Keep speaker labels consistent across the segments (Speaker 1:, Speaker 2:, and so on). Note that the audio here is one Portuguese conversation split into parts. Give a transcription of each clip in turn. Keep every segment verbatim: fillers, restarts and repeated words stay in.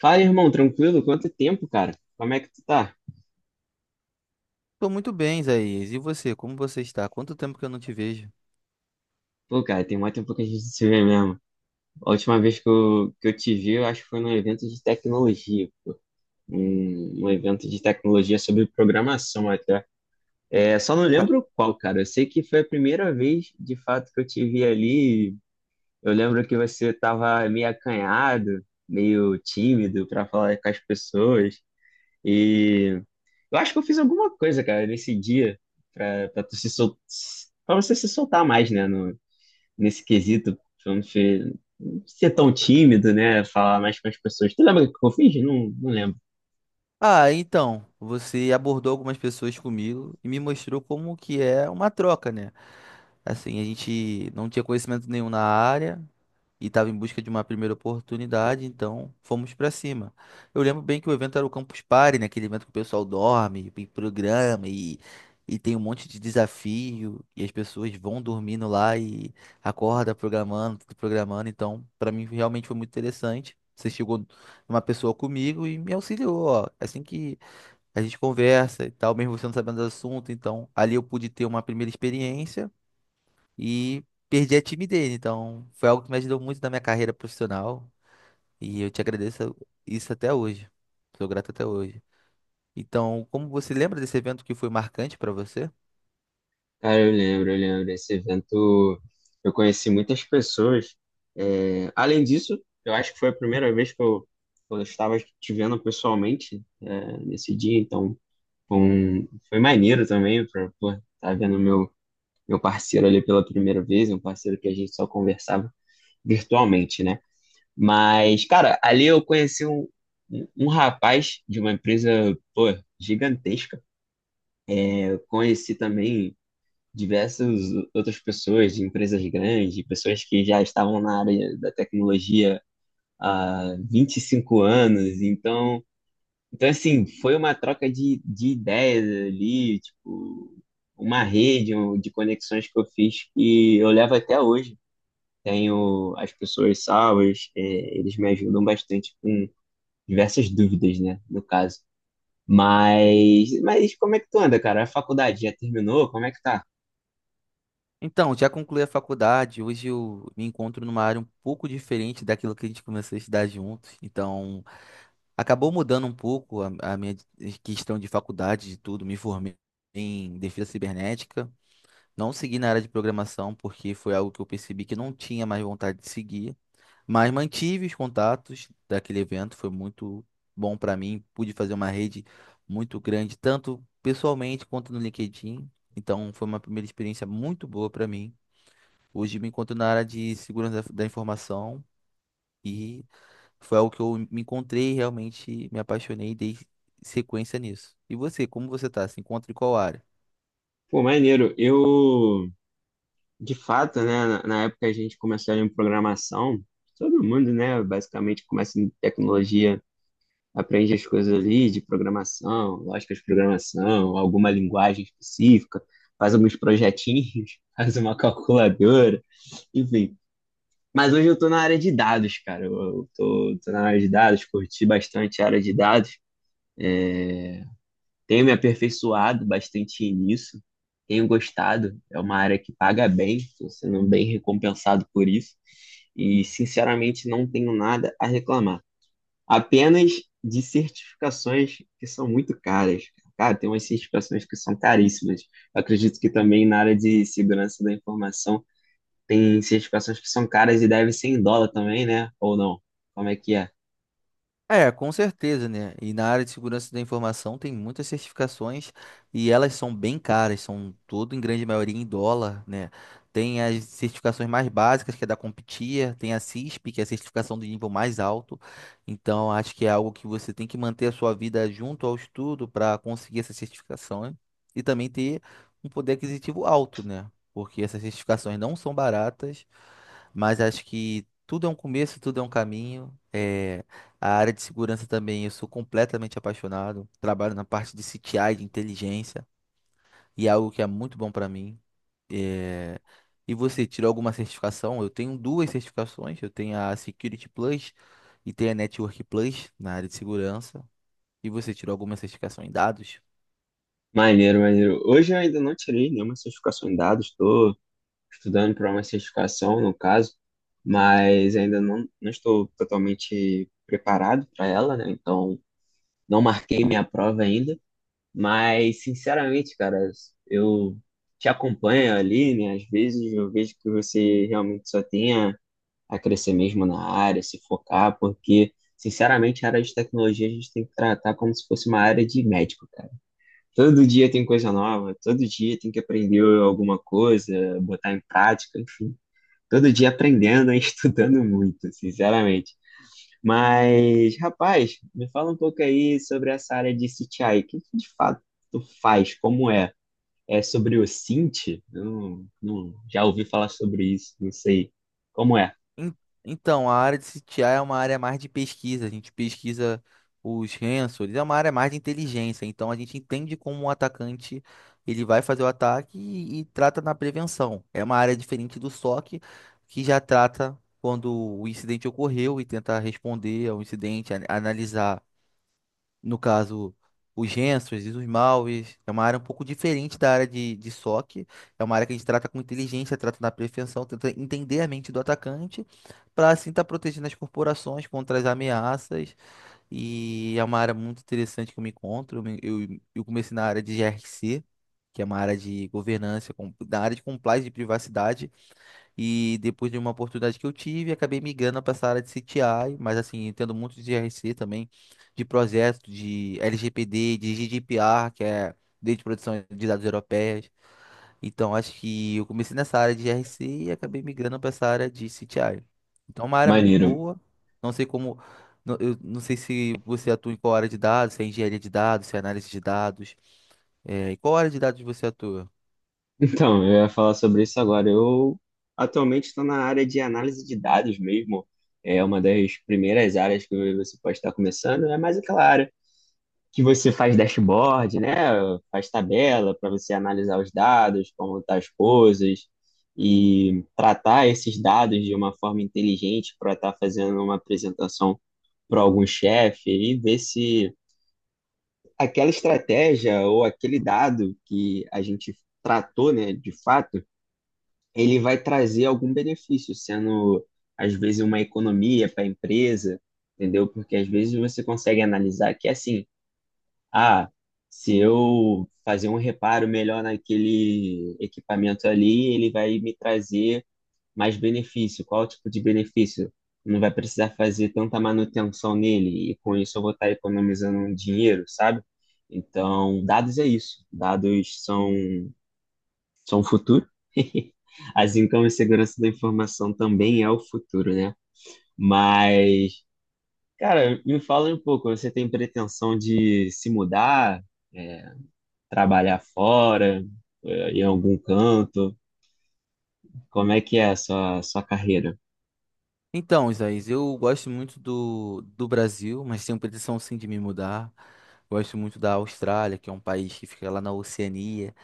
Speaker 1: Fala, irmão, tranquilo? Quanto tempo, cara? Como é que tu tá?
Speaker 2: Tô muito bem, Isaías. E você, como você está? Quanto tempo que eu não te vejo?
Speaker 1: Pô, cara, tem muito tempo que a gente se vê mesmo. A última vez que eu, que eu te vi, eu acho que foi num evento de tecnologia. Um, um evento de tecnologia sobre programação até. É, só não lembro qual, cara. Eu sei que foi a primeira vez, de fato, que eu te vi ali. Eu lembro que você tava meio acanhado, meio tímido para falar com as pessoas. Eu acho que eu fiz alguma coisa, cara, nesse dia pra, pra tu se sol... pra você se soltar mais, né? No- nesse quesito, pra não ser, não ser tão tímido, né? Falar mais com as pessoas. Tu lembra o que eu fiz? Não, não lembro.
Speaker 2: Ah, então, você abordou algumas pessoas comigo e me mostrou como que é uma troca, né? Assim, a gente não tinha conhecimento nenhum na área, e estava em busca de uma primeira oportunidade, então fomos para cima. Eu lembro bem que o evento era o Campus Party, né? Aquele evento que o pessoal dorme, e programa e, e tem um monte de desafio e as pessoas vão dormindo lá e acorda programando, tudo programando. Então, para mim realmente foi muito interessante. Você chegou uma pessoa comigo e me auxiliou, ó. é Assim que a gente conversa e tal, mesmo você não sabendo do assunto, então ali eu pude ter uma primeira experiência e perdi a time dele. Então, foi algo que me ajudou muito na minha carreira profissional e eu te agradeço isso até hoje. Sou grato até hoje. Então, como você lembra desse evento que foi marcante para você?
Speaker 1: Cara, eu lembro, eu lembro. Esse evento eu conheci muitas pessoas. É, além disso, eu acho que foi a primeira vez que eu, que eu estava te vendo pessoalmente, é, nesse dia, então foi, um- foi maneiro também pra, estar vendo meu meu parceiro ali pela primeira vez, um parceiro que a gente só conversava virtualmente, né? Mas, cara, ali eu conheci um, um um rapaz de uma empresa, pô, gigantesca. É, eu conheci também diversas outras pessoas de empresas grandes, pessoas que já estavam na área da tecnologia há vinte e cinco anos. Então, então assim, foi uma troca de, de ideias ali, tipo, uma rede um- de conexões que eu fiz que eu levo até hoje. Tenho as pessoas salvas, é, eles me ajudam bastante com diversas dúvidas, né, no caso. Mas, mas como é que tu anda, cara? A faculdade já terminou? Como é que tá?
Speaker 2: Então, já concluí a faculdade. Hoje eu me encontro numa área um pouco diferente daquilo que a gente começou a estudar juntos. Então, acabou mudando um pouco a, a minha questão de faculdade, de tudo. Me formei em defesa cibernética. Não segui na área de programação porque foi algo que eu percebi que não tinha mais vontade de seguir. Mas mantive os contatos daquele evento, foi muito bom para mim. Pude fazer uma rede muito grande, tanto pessoalmente quanto no LinkedIn. Então, foi uma primeira experiência muito boa para mim. Hoje me encontro na área de segurança da da informação e foi algo que eu me encontrei e realmente me apaixonei e dei sequência nisso. E você, como você tá? Se encontra em qual área?
Speaker 1: Pô, maneiro. Eu, de fato, né, na, na época a gente começou ali em programação, todo mundo, né, basicamente começa em tecnologia, aprende as coisas ali de programação, lógica de programação, alguma linguagem específica, faz alguns projetinhos, faz uma calculadora, enfim. Mas hoje eu tô na área de dados, cara. Eu, eu tô, tô na área de dados, curti bastante a área de dados. Tenho me aperfeiçoado bastante nisso. Tenho gostado. É uma área que paga bem, estou sendo bem recompensado por isso. E, sinceramente, não tenho nada a reclamar. Apenas de certificações que são muito caras. Cara, tem umas certificações que são caríssimas. Eu acredito que também na área de segurança da informação tem certificações que são caras e devem ser em dólar também, né? Ou não? Como é que é?
Speaker 2: É, com certeza, né? E na área de segurança da informação tem muitas certificações e elas são bem caras, são tudo em grande maioria em dólar, né? Tem as certificações mais básicas, que é da CompTIA, tem a C I S P, que é a certificação do nível mais alto. Então, acho que é algo que você tem que manter a sua vida junto ao estudo para conseguir essa certificação, hein? E também ter um poder aquisitivo alto, né? Porque essas certificações não são baratas, mas acho que tudo é um começo, tudo é um caminho. é a área de segurança também, eu sou completamente apaixonado. Trabalho na parte de C T I, de inteligência, e é algo que é muito bom para mim. É, E você, tirou alguma certificação? Eu tenho duas certificações, eu tenho a Security Plus e tenho a Network Plus na área de segurança. E você tirou alguma certificação em dados?
Speaker 1: Maneiro, maneiro. Hoje eu ainda não tirei nenhuma certificação em dados, estou estudando para uma certificação, no caso, mas ainda não, não estou totalmente preparado para ela, né? Então, não marquei minha prova ainda, mas, sinceramente, cara, eu te acompanho ali, né? Às vezes eu vejo que você realmente só tem a crescer mesmo na área, se focar, porque, sinceramente, a área de tecnologia a gente tem que tratar como se fosse uma área de médico, cara. Todo dia tem coisa nova, todo dia tem que aprender alguma coisa, botar em prática, enfim. Todo dia aprendendo e estudando muito, sinceramente. Mas, rapaz, me fala um pouco aí sobre essa área de C T I. O que que de fato tu faz? Como é? É sobre o cint? Não, não, já ouvi falar sobre isso, não sei como é.
Speaker 2: En- Então, a área de C T I é uma área mais de pesquisa. A gente pesquisa os sensores, é uma área mais de inteligência. Então, a gente entende como o atacante ele vai fazer o ataque e, e trata na prevenção. É uma área diferente do sock, que já trata quando o incidente ocorreu e tenta responder ao incidente, an- analisar no caso, os Gensers e os Malves, é uma área um pouco diferente da área de, de sock. É uma área que a gente trata com inteligência, trata na prevenção, tenta entender a mente do atacante, para assim estar protegendo as corporações contra as ameaças. E é uma área muito interessante que eu me encontro. Eu, me- eu eu comecei na área de G r c que é uma área de governança, com- da área de compliance de privacidade. E depois de uma oportunidade que eu tive, acabei migrando para essa área de C T I, mas assim, entendo muito de G R C também, de projeto, de L G P D, de G D P R, que é Lei de Proteção de Dados Europeias. Então, acho que eu comecei nessa área de G R C e acabei migrando para essa área de C T I. Então, é uma área muito
Speaker 1: Maneiro.
Speaker 2: boa. Não sei como. não- Eu não sei se você atua em qual área de dados, se é engenharia de dados, se é análise de dados. É, em qual área de dados você atua?
Speaker 1: Então, eu ia falar sobre isso agora. Eu atualmente estou na área de análise de dados mesmo. É uma das primeiras áreas que você pode estar começando. É mais aquela área que você faz dashboard, né? Faz tabela para você analisar os dados, como estão as coisas, e tratar esses dados de uma forma inteligente para estar fazendo uma apresentação para algum chefe e ver se aquela estratégia ou aquele dado que a gente tratou, né, de fato ele vai trazer algum benefício, sendo às vezes uma economia para a empresa, entendeu? Porque às vezes você consegue analisar que assim, ah, se eu fazer um reparo melhor naquele equipamento ali, ele vai me trazer mais benefício. Qual tipo de benefício? Não vai precisar fazer tanta manutenção nele e com isso eu vou estar economizando um dinheiro, sabe? Então, dados é isso. Dados são são o futuro. Assim como a segurança da informação também é o futuro, né? Mas, cara, me fala um pouco, você tem pretensão de se mudar, é, trabalhar fora, é, em algum canto? Como é que é a sua, sua carreira?
Speaker 2: Então, Isaías, eu gosto muito do, do Brasil, mas tenho pretensão sim de me mudar. Gosto muito da Austrália, que é um país que fica lá na Oceania.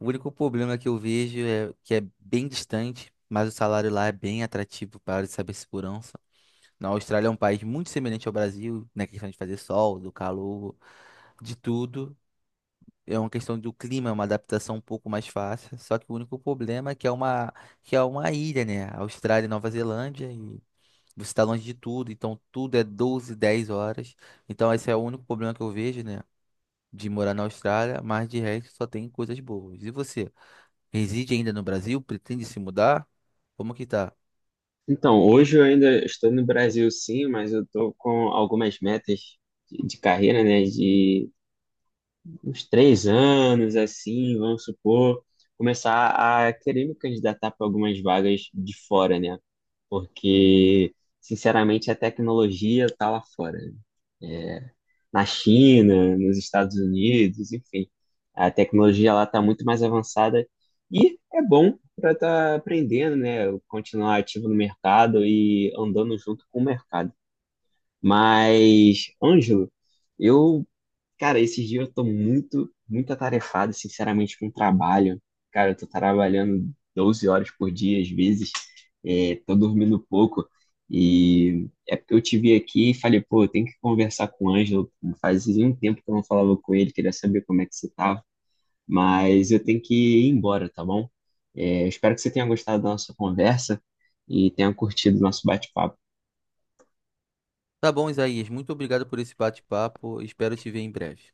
Speaker 2: O único problema que eu vejo é que é bem distante, mas o salário lá é bem atrativo para a área de cibersegurança. Na Austrália é um país muito semelhante ao Brasil, na questão de fazer sol, do calor, de tudo. É uma questão do clima, é uma adaptação um pouco mais fácil. Só que o único problema é que é uma, que é uma ilha, né? Austrália e Nova Zelândia. Você está longe de tudo, então tudo é doze dez horas. Então esse é o único problema que eu vejo, né? De morar na Austrália, mas de resto só tem coisas boas. E você? Reside ainda no Brasil? Pretende se mudar? Como que tá?
Speaker 1: Então, hoje eu ainda estou no Brasil, sim, mas eu estou com algumas metas de de carreira, né? De uns três anos, assim, vamos supor, começar a querer me candidatar para algumas vagas de fora, né? Porque, sinceramente, a tecnologia tá lá fora, né? É, na China, nos Estados Unidos, enfim. A tecnologia lá tá muito mais avançada e é bom para estar aprendendo, né? Continuar ativo no mercado e andando junto com o mercado. Mas, Ângelo, eu cara, esses dias eu tô muito, muito atarefado, sinceramente, com o trabalho. Cara, eu tô trabalhando doze horas por dia, às vezes, é, tô dormindo pouco. E é porque eu te vi aqui e falei, pô, eu tenho que conversar com o Ângelo. Fazia um tempo que eu não falava com ele, queria saber como é que você tava. Mas eu tenho que ir embora, tá bom? É, espero que você tenha gostado da nossa conversa e tenha curtido o nosso bate-papo.
Speaker 2: Tá bom, Isaías. Muito obrigado por esse bate-papo. Espero te ver em breve.